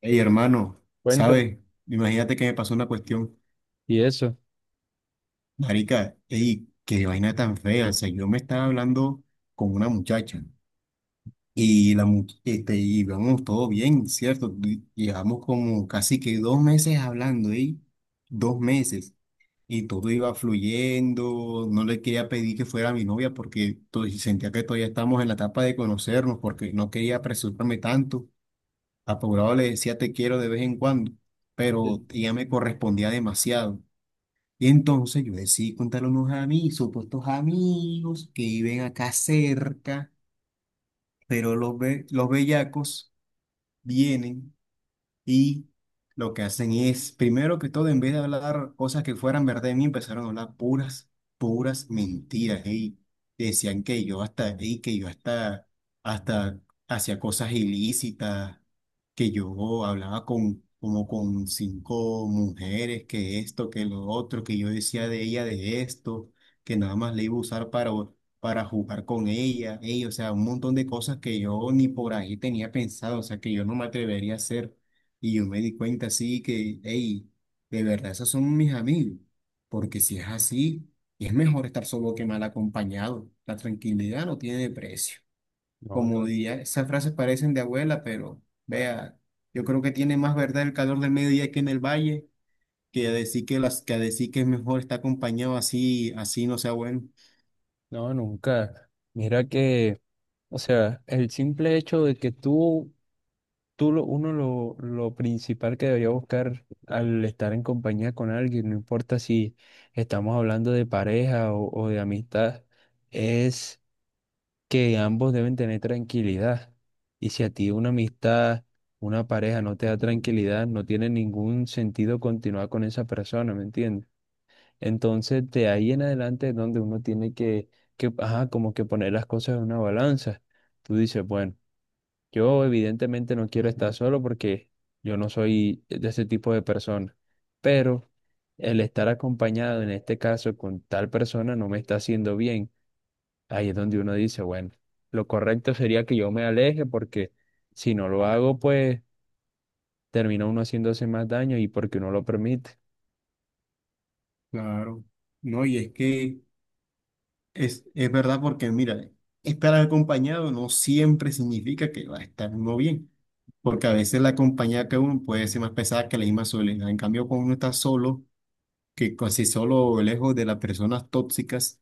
Ey, hermano, Cuéntame. ¿sabe? Imagínate que me pasó una cuestión. Y eso. Marica, ey, qué vaina tan fea. O sea, yo me estaba hablando con una muchacha y y íbamos todo bien, ¿cierto? Llevamos como casi que dos meses hablando, ey, dos meses. Y todo iba fluyendo, no le quería pedir que fuera mi novia porque sentía que todavía estamos en la etapa de conocernos, porque no quería apresurarme tanto. Apurado le decía te quiero de vez en cuando, pero Sí. ella me correspondía demasiado. Y entonces yo decidí contarle a unos amigos, supuestos amigos que viven acá cerca, pero los bellacos vienen y lo que hacen es, primero que todo, en vez de hablar cosas que fueran verdad de mí, empezaron a hablar puras mentiras. Y decían que yo hasta, y que yo hasta hacía cosas ilícitas, que yo hablaba con, como con cinco mujeres, que esto, que lo otro, que yo decía de ella de esto, que nada más le iba a usar para jugar con ella. Ey, o sea, un montón de cosas que yo ni por ahí tenía pensado, o sea, que yo no me atrevería a hacer. Y yo me di cuenta así que, hey, de verdad, esos son mis amigos. Porque si es así, es mejor estar solo que mal acompañado. La tranquilidad no tiene precio. No, Como to- diría, esas frases parecen de abuela, pero vea, yo creo que tiene más verdad el calor del mediodía aquí en el valle que a decir que a decir que es mejor estar acompañado así, así no sea bueno. no, nunca. Mira que, o sea, el simple hecho de que uno lo principal que debería buscar al estar en compañía con alguien, no importa si estamos hablando de pareja o de amistad, es que ambos deben tener tranquilidad. Y si a ti una amistad, una pareja no te da tranquilidad, no tiene ningún sentido continuar con esa persona, ¿me entiendes? Entonces, de ahí en adelante es donde uno tiene que, ajá, como que poner las cosas en una balanza. Tú dices, bueno, yo evidentemente no quiero estar solo porque yo no soy de ese tipo de persona, pero el estar acompañado en este caso con tal persona no me está haciendo bien. Ahí es donde uno dice, bueno, lo correcto sería que yo me aleje porque si no lo hago, pues termina uno haciéndose más daño y porque no lo permite. Claro. No, y es que es verdad porque, mira, estar acompañado no siempre significa que va a estar uno bien, porque a veces la compañía que uno puede ser más pesada que la misma soledad. En cambio, cuando uno está solo, que si solo lejos de las personas tóxicas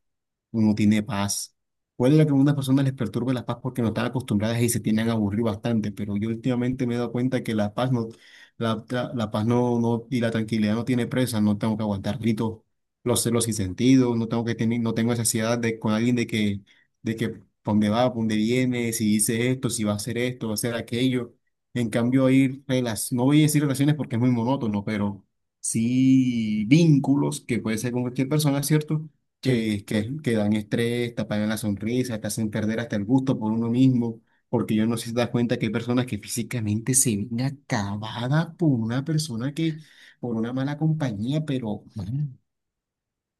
uno tiene paz. Puede que a algunas personas les perturbe la paz porque no están acostumbradas y se tienen a aburrir bastante, pero yo últimamente me he dado cuenta que la paz y la tranquilidad no tiene presa, no tengo que aguantar gritos, los celos sin sentido, no tengo que tener, no tengo esa ansiedad de con alguien de que pa' dónde va, pa' dónde viene, si dice esto, si va a hacer esto, va a hacer aquello. En cambio, hay relaciones, no voy a decir relaciones porque es muy monótono, pero sí vínculos que puede ser con cualquier persona, ¿cierto? Sí. Que dan estrés, te apagan la sonrisa, te hacen perder hasta el gusto por uno mismo, porque yo no sé si te das cuenta que hay personas que físicamente se ven acabadas por una por una mala compañía, pero man,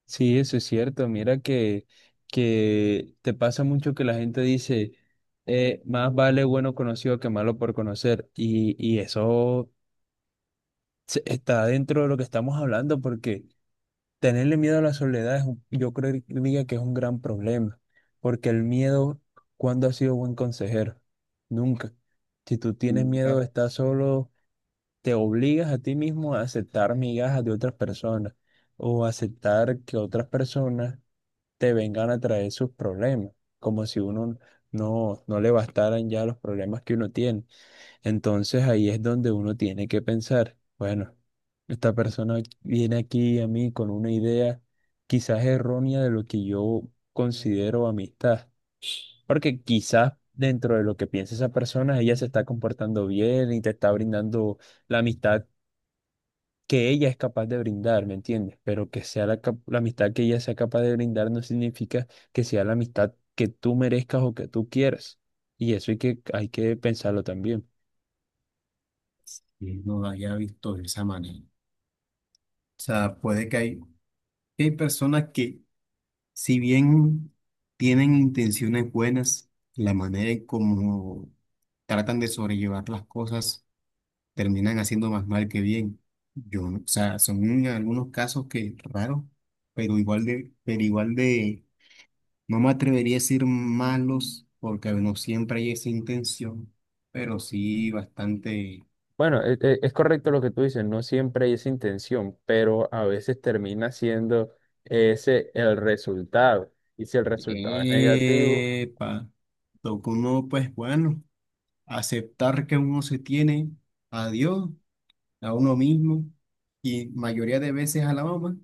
Sí, eso es cierto. Mira que te pasa mucho que la gente dice, más vale bueno conocido que malo por conocer. Y eso está dentro de lo que estamos hablando, porque tenerle miedo a la soledad yo creo que es un gran problema, porque el miedo, ¿cuándo ha sido buen consejero? Nunca. Si tú tienes miedo de nunca estar solo, te obligas a ti mismo a aceptar migajas de otras personas o aceptar que otras personas te vengan a traer sus problemas, como si uno no le bastaran ya los problemas que uno tiene. Entonces ahí es donde uno tiene que pensar, bueno, esta persona viene aquí a mí con una idea quizás errónea de lo que yo considero amistad, porque quizás dentro de lo que piensa esa persona, ella se está comportando bien y te está brindando la amistad que ella es capaz de brindar, ¿me entiendes? Pero que sea la amistad que ella sea capaz de brindar no significa que sea la amistad que tú merezcas o que tú quieras. Y eso hay que pensarlo también. que no haya visto de esa manera. O sea, puede que hay personas que, si bien tienen intenciones buenas, la manera en cómo tratan de sobrellevar las cosas terminan haciendo más mal que bien. Yo, no- O sea, son algunos casos que raros, pero igual de, no me atrevería a decir malos, porque no siempre hay esa intención, pero sí bastante. Bueno, es correcto lo que tú dices, no siempre hay esa intención, pero a veces termina siendo ese el resultado. Y si el resultado es negativo, Epa, toca uno, pues bueno, aceptar que uno se tiene a Dios, a uno mismo, y mayoría de veces a la mamá.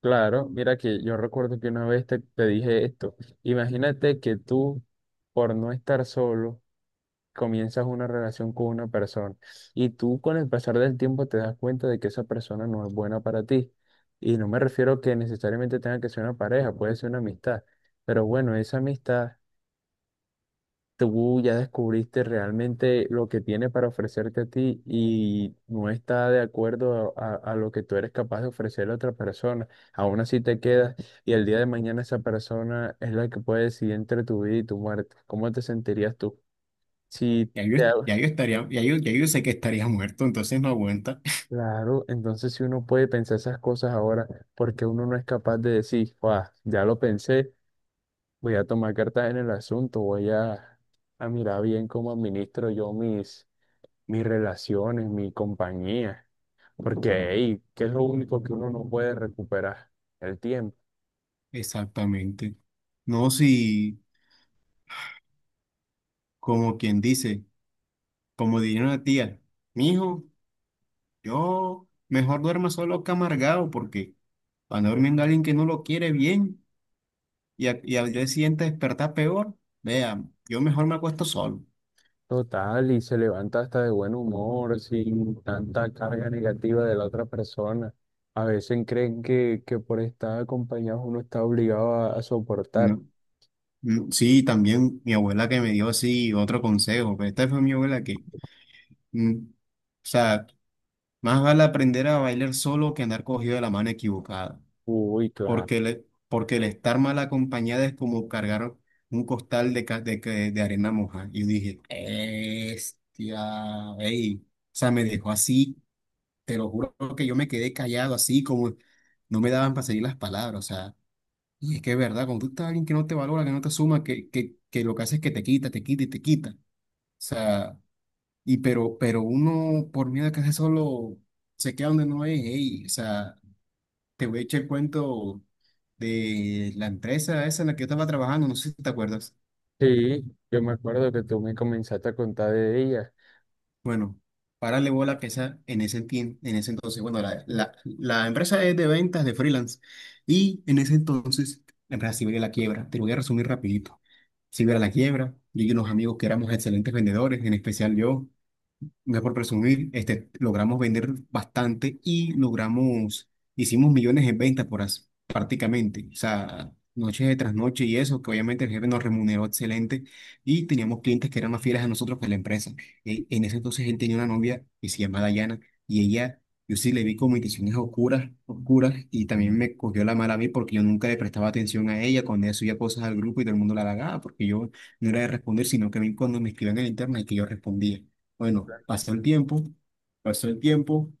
claro, mira que yo recuerdo que una vez te dije esto, imagínate que tú, por no estar solo, comienzas una relación con una persona y tú con el pasar del tiempo te das cuenta de que esa persona no es buena para ti. Y no me refiero que necesariamente tenga que ser una pareja, puede ser una amistad, pero bueno, esa amistad tú ya descubriste realmente lo que tiene para ofrecerte a ti y no está de acuerdo a lo que tú eres capaz de ofrecerle a otra persona. Aún así te quedas y el día de mañana esa persona es la que puede decidir entre tu vida y tu muerte. ¿Cómo te sentirías tú? Si Ya yo, te... ya yo estaría, ya yo, ya yo sé que estaría muerto, entonces no aguanta. Claro, entonces si uno puede pensar esas cosas ahora, porque uno no es capaz de decir, "Guau, ya lo pensé, voy a tomar cartas en el asunto, a mirar bien cómo administro yo mis relaciones, mi compañía, porque hey, ¿qué es lo único que uno no puede recuperar? El tiempo. Exactamente. No, si, como quien dice, como diría una tía, mijo, yo mejor duerma solo que amargado, porque cuando durmiendo alguien que no lo quiere bien y al día siguiente despertar peor, vea, yo mejor me acuesto solo, Total, y se levanta hasta de buen humor, sin tanta carga negativa de la otra persona. A veces creen que por estar acompañados uno está obligado a ¿no? soportar. Mm, sí, también mi abuela que me dio así otro consejo, pero esta fue mi abuela que, o sea, más vale aprender a bailar solo que andar cogido de la mano equivocada. Uy, claro. Porque el estar mal acompañada es como cargar un costal de, ca- de, que- de arena moja. Y yo dije, bestia, ey. O sea, me dejó así, te lo juro que yo me quedé callado así, como no me daban para seguir las palabras, o sea. Y es que es verdad, cuando tú estás alguien que no te valora, que no te suma, que lo que hace es que te quita y te quita. O sea, pero uno por miedo a que se solo se queda donde no es, ey, o sea. Te voy a echar el cuento de la empresa esa en la que yo estaba trabajando, no sé si te acuerdas. Sí, yo me acuerdo que tú me comenzaste a contar de ella. Bueno, párale bola que esa en en ese entonces, bueno, la empresa es de ventas de freelance y en ese entonces la empresa sí veía la quiebra. Te lo voy a resumir rapidito. Sí veía la quiebra, yo y unos amigos que éramos excelentes vendedores, en especial yo. No es por presumir, este, logramos vender bastante y logramos, hicimos millones en ventas por prácticamente, o sea, noche tras noche y eso, que obviamente el jefe nos remuneró excelente y teníamos clientes que eran más fieles a nosotros que a la empresa. En ese entonces él tenía una novia que se llamaba Dayana y ella, yo sí le vi como intenciones oscuras, oscuras, y también me cogió la mala a mí porque yo nunca le prestaba atención a ella cuando ella subía cosas al grupo y todo el mundo la halagaba porque yo no era de responder, sino que a mí cuando me escribían en el internet que yo respondía. Bueno, pasó el tiempo, pasó el tiempo.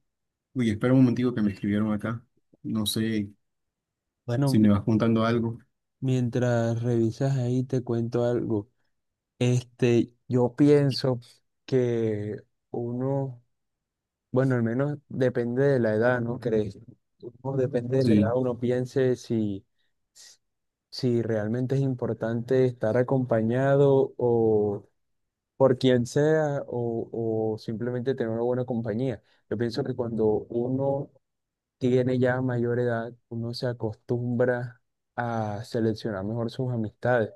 Uy, espera un momentico que me escribieron acá. No sé Bueno, si me mi- vas contando algo. Mientras revisas ahí te cuento algo. Este, yo pienso que uno, bueno, al menos depende de la edad, ¿no crees? Uno depende de la edad, Sí, uno piense si realmente es importante estar acompañado o por quien sea o simplemente tener una buena compañía. Yo pienso que cuando uno tiene ya mayor edad, uno se acostumbra a seleccionar mejor sus amistades.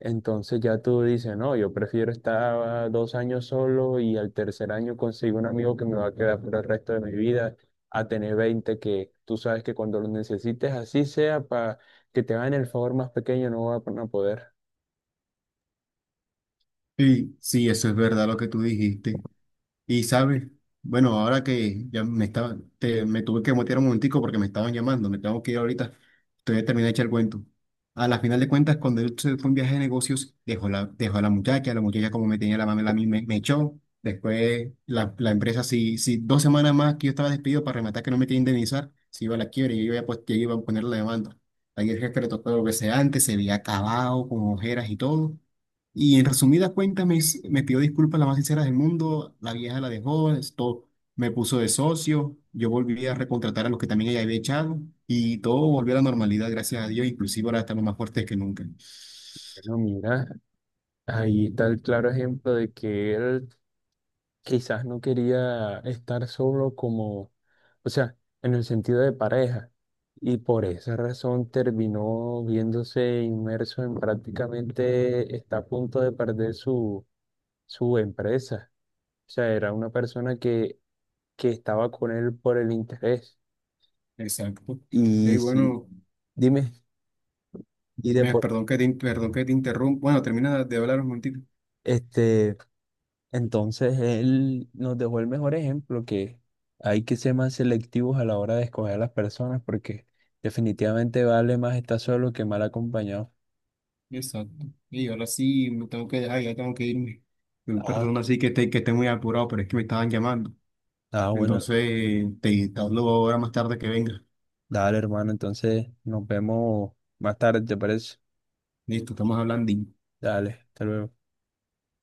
Entonces ya tú dices, no, yo prefiero estar 2 años solo y al 3.er año consigo un amigo que me va a quedar por el resto de mi vida, a tener 20 que tú sabes que cuando lo necesites, así sea, para que te hagan el favor más pequeño, no van a poder. sí, sí, eso es verdad lo que tú dijiste. Y sabes, bueno, ahora que ya me me tuve que mutear un momentico porque me estaban llamando, me tengo que ir ahorita. Entonces termina hecha el cuento. A la final de cuentas, cuando él se fue un viaje de negocios, dejó a la muchacha como me tenía la mamá, me echó. Después la empresa, si dos semanas más que yo estaba despedido para rematar que no me quería indemnizar, se iba a la quiebra y yo yo iba a poner la demanda. Ahí el jefe le tocó lo que sea antes, se veía acabado, con ojeras y todo. Y en resumidas cuentas me pidió disculpas las más sinceras del mundo, la vieja la dejó, es todo, me puso de socio, yo volví a recontratar a los que también ella había echado y todo volvió a la normalidad, gracias a Dios, inclusive ahora estamos más fuertes que nunca. Pero mira, ahí está el claro ejemplo de que él quizás no quería estar solo como, o sea, en el sentido de pareja. Y por esa razón terminó viéndose inmerso en prácticamente, está a punto de perder su empresa. O sea, era una persona que estaba con él por el interés. Exacto. Y Ey, sí, bueno, dime, y de me, por, perdón que te, in- perdón que te interrumpa. Bueno, termina de hablar un momentito. este, entonces él nos dejó el mejor ejemplo que hay que ser más selectivos a la hora de escoger a las personas porque definitivamente vale más estar solo que mal acompañado. Exacto. Y ahora sí me tengo que dejar, ya tengo que irme. Ah, Perdón, así que esté muy apurado, pero es que me estaban llamando. ah, bueno, Entonces, te hablo ahora más tarde que venga. dale hermano, entonces nos vemos más tarde, ¿te parece? Listo, estamos hablando. Dale, hasta luego.